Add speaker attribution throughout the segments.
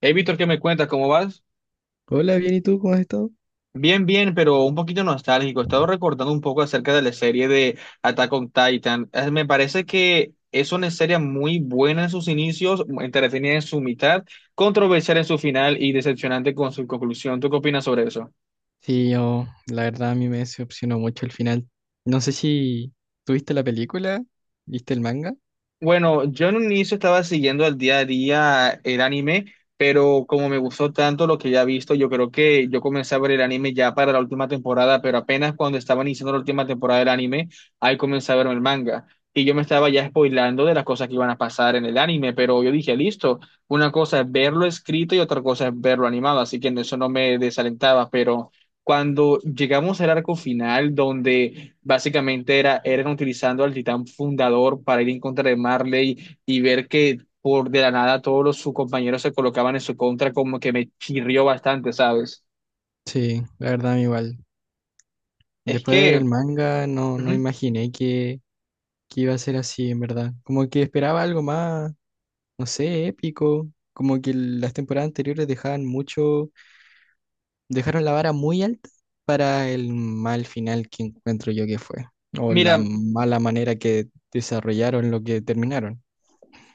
Speaker 1: Hey, Víctor, ¿qué me cuentas? ¿Cómo vas?
Speaker 2: Hola, bien, ¿y tú cómo has estado?
Speaker 1: Bien, bien, pero un poquito nostálgico. He estado recordando un poco acerca de la serie de Attack on Titan. Me parece que es una serie muy buena en sus inicios, entretenida en su mitad, controversial en su final y decepcionante con su conclusión. ¿Tú qué opinas sobre eso?
Speaker 2: Sí, yo, la verdad, a mí me decepcionó mucho el final. No sé si tuviste la película, viste el manga.
Speaker 1: Bueno, yo en un inicio estaba siguiendo al día a día el anime, pero como me gustó tanto lo que ya he visto, yo creo que yo comencé a ver el anime ya para la última temporada, pero apenas cuando estaba iniciando la última temporada del anime, ahí comencé a ver el manga. Y yo me estaba ya spoilando de las cosas que iban a pasar en el anime, pero yo dije, listo, una cosa es verlo escrito y otra cosa es verlo animado, así que en eso no me desalentaba, pero cuando llegamos al arco final, donde básicamente era, eran utilizando al titán fundador para ir en contra de Marley y ver que por de la nada sus compañeros se colocaban en su contra, como que me chirrió bastante, ¿sabes?
Speaker 2: Sí, la verdad, a mí igual.
Speaker 1: Es
Speaker 2: Después de ver el
Speaker 1: que,
Speaker 2: manga, no, no
Speaker 1: ujú.
Speaker 2: imaginé que iba a ser así, en verdad. Como que esperaba algo más, no sé, épico. Como que las temporadas anteriores dejaban mucho, dejaron la vara muy alta para el mal final que encuentro yo que fue. O la
Speaker 1: Mira,
Speaker 2: mala manera que desarrollaron lo que terminaron.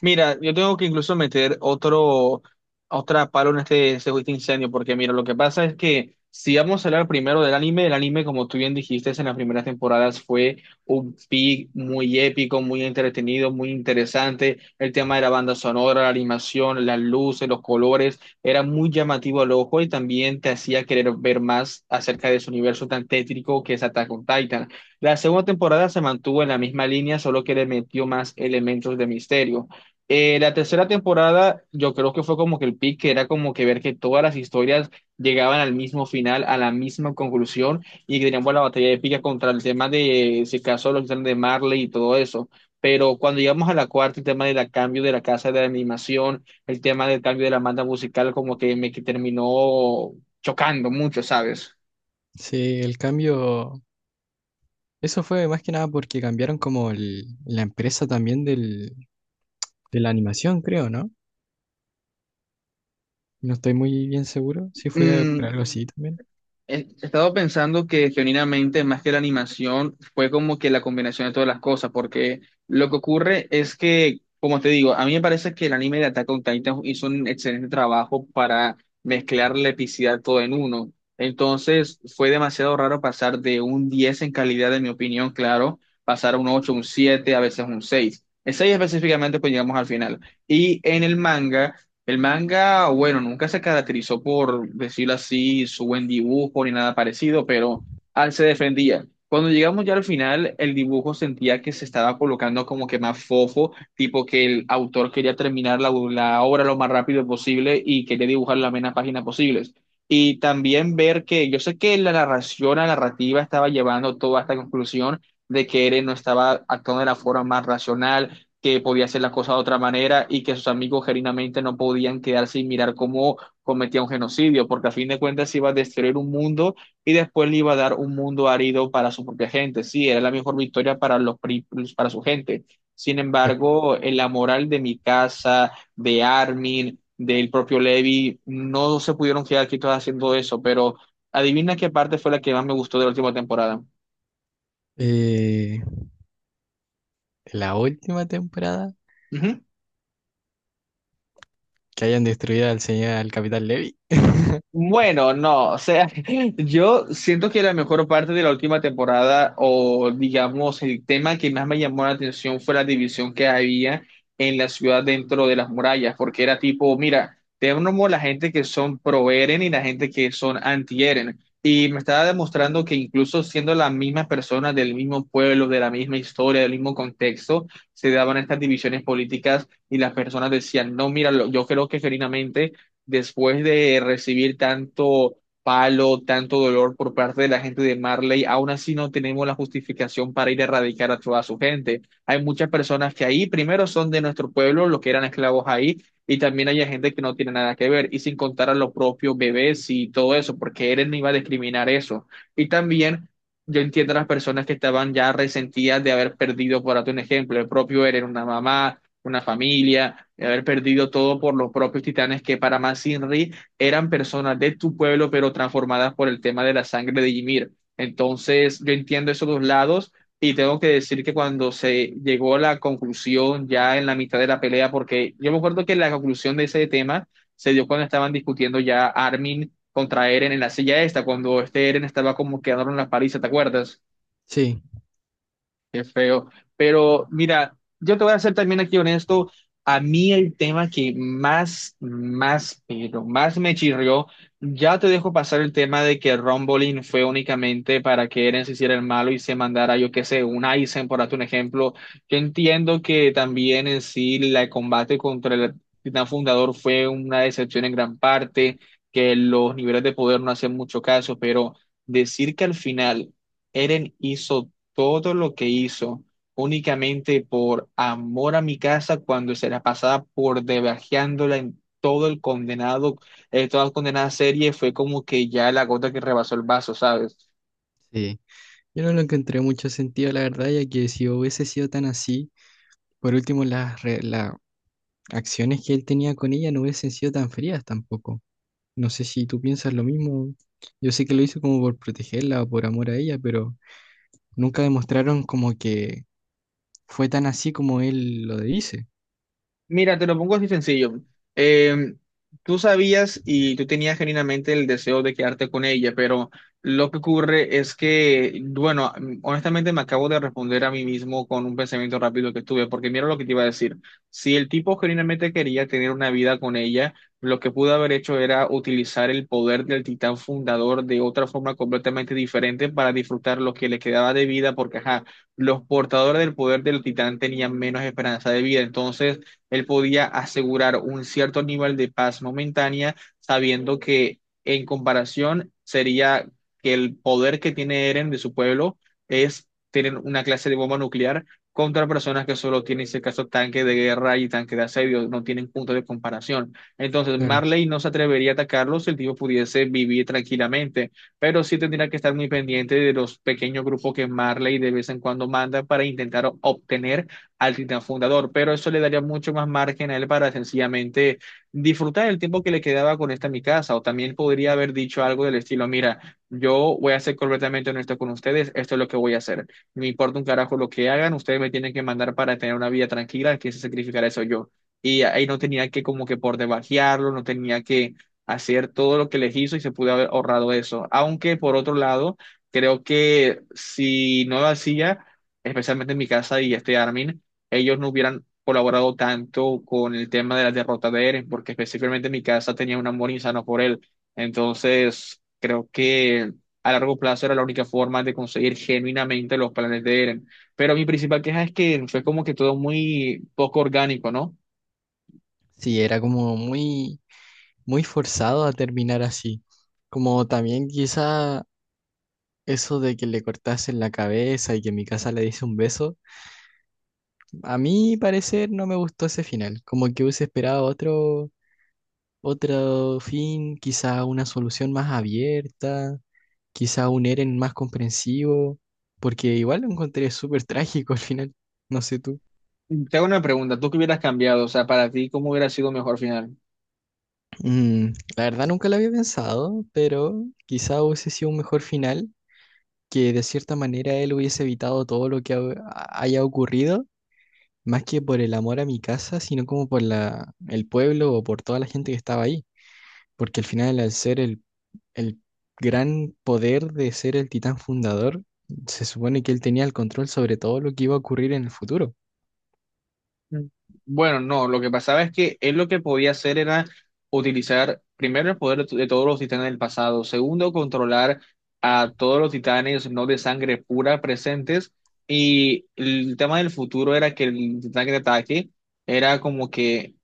Speaker 1: Mira, yo tengo que incluso meter otra palo en este juicio de incendio, porque mira, lo que pasa es que si vamos a hablar primero del anime, el anime, como tú bien dijiste, en las primeras temporadas fue un pic muy épico, muy entretenido, muy interesante. El tema de la banda sonora, la animación, las luces, los colores, era muy llamativo al ojo y también te hacía querer ver más acerca de ese universo tan tétrico que es Attack on Titan. La segunda temporada se mantuvo en la misma línea, solo que le metió más elementos de misterio. La tercera temporada, yo creo que fue como que el pick, que era como que ver que todas las historias llegaban al mismo final, a la misma conclusión, y que teníamos la batalla épica contra el tema de, si acaso, los titanes de Marley y todo eso. Pero cuando llegamos a la cuarta, el tema del cambio de la casa de la animación, el tema del cambio de la banda musical, como que me que terminó chocando mucho, ¿sabes?
Speaker 2: Sí, el cambio, eso fue más que nada porque cambiaron como la empresa también del, de la animación, creo, ¿no? No estoy muy bien seguro si fue por
Speaker 1: Mm,
Speaker 2: algo así también.
Speaker 1: He he estado pensando que genuinamente, más que la animación, fue como que la combinación de todas las cosas, porque lo que ocurre es que, como te digo, a mí me parece que el anime de Attack on Titan hizo un excelente trabajo para mezclar la epicidad todo en uno. Entonces, fue demasiado raro pasar de un 10 en calidad, en mi opinión, claro, pasar a un 8 un 7 a veces un seis. El seis específicamente, pues llegamos al final. Y en el manga. El manga, bueno, nunca se caracterizó por decirlo así, su buen dibujo ni nada parecido, pero al se defendía. Cuando llegamos ya al final, el dibujo sentía que se estaba colocando como que más fofo, tipo que el autor quería terminar la obra lo más rápido posible y quería dibujar la menos páginas posibles. Y también ver que yo sé que la narración, la narrativa estaba llevando toda esta conclusión de que Eren no estaba actuando de la forma más racional, que podía hacer las cosas de otra manera y que sus amigos genuinamente no podían quedarse y mirar cómo cometía un genocidio, porque a fin de cuentas iba a destruir un mundo y después le iba a dar un mundo árido para su propia gente. Sí, era la mejor victoria para para su gente. Sin
Speaker 2: Claro.
Speaker 1: embargo, en la moral de mi casa, de Armin, del propio Levi, no se pudieron quedar quietos haciendo eso, pero adivina qué parte fue la que más me gustó de la última temporada.
Speaker 2: Eh, la última temporada,
Speaker 1: Ujú.
Speaker 2: que hayan destruido al señor, al Capitán Levy.
Speaker 1: Bueno, no, o sea, yo siento que la mejor parte de la última temporada, o digamos, el tema que más me llamó la atención fue la división que había en la ciudad dentro de las murallas, porque era tipo, mira, tenemos la gente que son pro-Eren y la gente que son anti-Eren. Y me estaba demostrando que incluso siendo las mismas personas del mismo pueblo, de la misma historia, del mismo contexto, se daban estas divisiones políticas y las personas decían, no, mira, yo creo que genuinamente después de recibir tanto palo, tanto dolor por parte de la gente de Marley, aún así no tenemos la justificación para ir a erradicar a toda su gente. Hay muchas personas que ahí primero son de nuestro pueblo, los que eran esclavos ahí, y también hay gente que no tiene nada que ver, y sin contar a los propios bebés y todo eso, porque Eren no iba a discriminar eso. Y también... Yo entiendo a las personas que estaban ya resentidas de haber perdido, por darte un ejemplo, el propio Eren, una mamá, una familia, de haber perdido todo por los propios titanes, que para más Inri eran personas de tu pueblo, pero transformadas por el tema de la sangre de Ymir. Entonces, yo entiendo esos dos lados y tengo que decir que cuando se llegó a la conclusión ya en la mitad de la pelea, porque yo me acuerdo que la conclusión de ese tema se dio cuando estaban discutiendo ya Armin contra Eren en la silla esta, cuando este Eren estaba como quedaron en la paliza, ¿te acuerdas?
Speaker 2: Sí,
Speaker 1: Qué feo. Pero mira, yo te voy a ser también aquí honesto. A mí el tema que más, más, pero más me chirrió, ya te dejo pasar el tema de que Rumble fue únicamente para que Eren se hiciera el malo y se mandara, yo qué sé, un Aizen, por darte un ejemplo. Yo entiendo que también en sí el combate contra el Titán Fundador fue una decepción en gran parte, que los niveles de poder no hacen mucho caso, pero decir que al final... Eren hizo todo lo que hizo únicamente por amor a mi casa cuando se la pasaba por debajeándola en todo el condenado, toda la condenada serie, fue como que ya la gota que rebasó el vaso, ¿sabes?
Speaker 2: sí. Yo no lo encontré mucho sentido, la verdad, ya que si hubiese sido tan así, por último, las acciones que él tenía con ella no hubiesen sido tan frías tampoco. No sé si tú piensas lo mismo. Yo sé que lo hizo como por protegerla o por amor a ella, pero nunca demostraron como que fue tan así como él lo dice.
Speaker 1: Mira, te lo pongo así sencillo. Eh, Tú sabías y tú tenías genuinamente el deseo de quedarte con ella, pero lo que ocurre es que, bueno, honestamente me acabo de responder a mí mismo con un pensamiento rápido que tuve, porque mira lo que te iba a decir. Si el tipo genuinamente quería tener una vida con ella, lo que pudo haber hecho era utilizar el poder del titán fundador de otra forma completamente diferente para disfrutar lo que le quedaba de vida, porque, ajá, los portadores del poder del titán tenían menos esperanza de vida. Entonces, él podía asegurar un cierto nivel de paz momentánea, sabiendo que en comparación sería que el poder que tiene Eren de su pueblo es tener una clase de bomba nuclear contra personas que solo tienen, en este caso, tanque de guerra y tanque de asedio, no tienen punto de comparación. Entonces,
Speaker 2: Claro.
Speaker 1: Marley no se atrevería a atacarlo si el tipo pudiese vivir tranquilamente, pero sí tendría que estar muy pendiente de los pequeños grupos que Marley de vez en cuando manda para intentar obtener al titán fundador, pero eso le daría mucho más margen a él para sencillamente disfrutar el tiempo que le quedaba con esta mi casa, o también podría haber dicho algo del estilo, mira, yo voy a ser completamente honesto con ustedes, esto es lo que voy a hacer, me importa un carajo lo que hagan, ustedes me tienen que mandar para tener una vida tranquila, que se sacrificar eso yo. Y ahí no tenía que como que por debajearlo, no tenía que hacer todo lo que les hizo y se pudo haber ahorrado eso. Aunque por otro lado, creo que si no lo hacía, especialmente en mi casa y este Armin, ellos no hubieran colaborado tanto con el tema de la derrota de Eren, porque específicamente mi casa tenía un amor insano por él. Entonces, creo que a largo plazo era la única forma de conseguir genuinamente los planes de Eren. Pero mi principal queja es que fue como que todo muy poco orgánico, ¿no?
Speaker 2: Sí, era como muy, muy forzado a terminar así. Como también quizá eso de que le cortasen la cabeza y que mi casa le diese un beso. A mi parecer no me gustó ese final. Como que hubiese esperado otro, otro fin, quizá una solución más abierta. Quizá un Eren más comprensivo, porque igual lo encontré súper trágico al final. No sé tú.
Speaker 1: Te hago una pregunta, ¿tú qué hubieras cambiado? O sea, para ti, ¿cómo hubiera sido mejor final?
Speaker 2: Mm, la verdad nunca lo había pensado, pero quizá hubiese sido un mejor final, que de cierta manera él hubiese evitado todo lo que haya ocurrido, más que por el amor a mi casa, sino como por el pueblo o por toda la gente que estaba ahí. Porque al final, al ser el gran poder de ser el titán fundador, se supone que él tenía el control sobre todo lo que iba a ocurrir en el futuro.
Speaker 1: Mm. Bueno, no, lo que pasaba es que él lo que podía hacer era utilizar primero el poder de todos los titanes del pasado, segundo, controlar a todos los titanes no de sangre pura presentes, y el tema del futuro era que el titán que te ataque era como que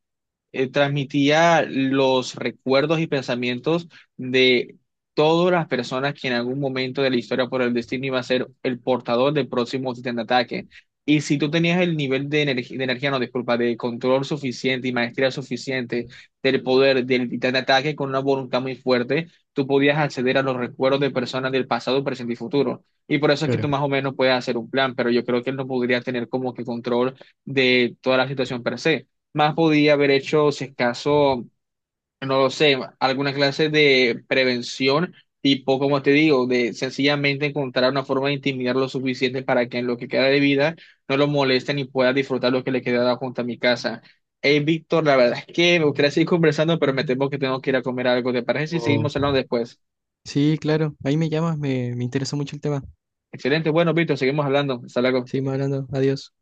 Speaker 1: transmitía los recuerdos y pensamientos de todas las personas que en algún momento de la historia por el destino iba a ser el portador del próximo titán de ataque. Y si tú tenías el nivel de, de energía, no, disculpa, de control suficiente y maestría suficiente del poder del titán de ataque con una voluntad muy fuerte, tú podías acceder a los recuerdos de personas del pasado, presente y futuro. Y por eso es que tú
Speaker 2: Claro.
Speaker 1: más o menos puedes hacer un plan, pero yo creo que él no podría tener como que control de toda la situación per se, más podía haber hecho, si es caso, no lo sé, alguna clase de prevención, tipo, como te digo, de sencillamente encontrar una forma de intimidar lo suficiente para que en lo que queda de vida no lo molesten y pueda disfrutar lo que le queda junto a mi casa. Hey, Víctor, la verdad es que me gustaría seguir conversando, pero me temo que tengo que ir a comer algo. ¿Te parece si
Speaker 2: O
Speaker 1: seguimos hablando después?
Speaker 2: sí, claro, ahí me llamas, me interesa mucho el tema.
Speaker 1: Excelente, bueno, Víctor, seguimos hablando. Hasta luego.
Speaker 2: Seguimos hablando, adiós.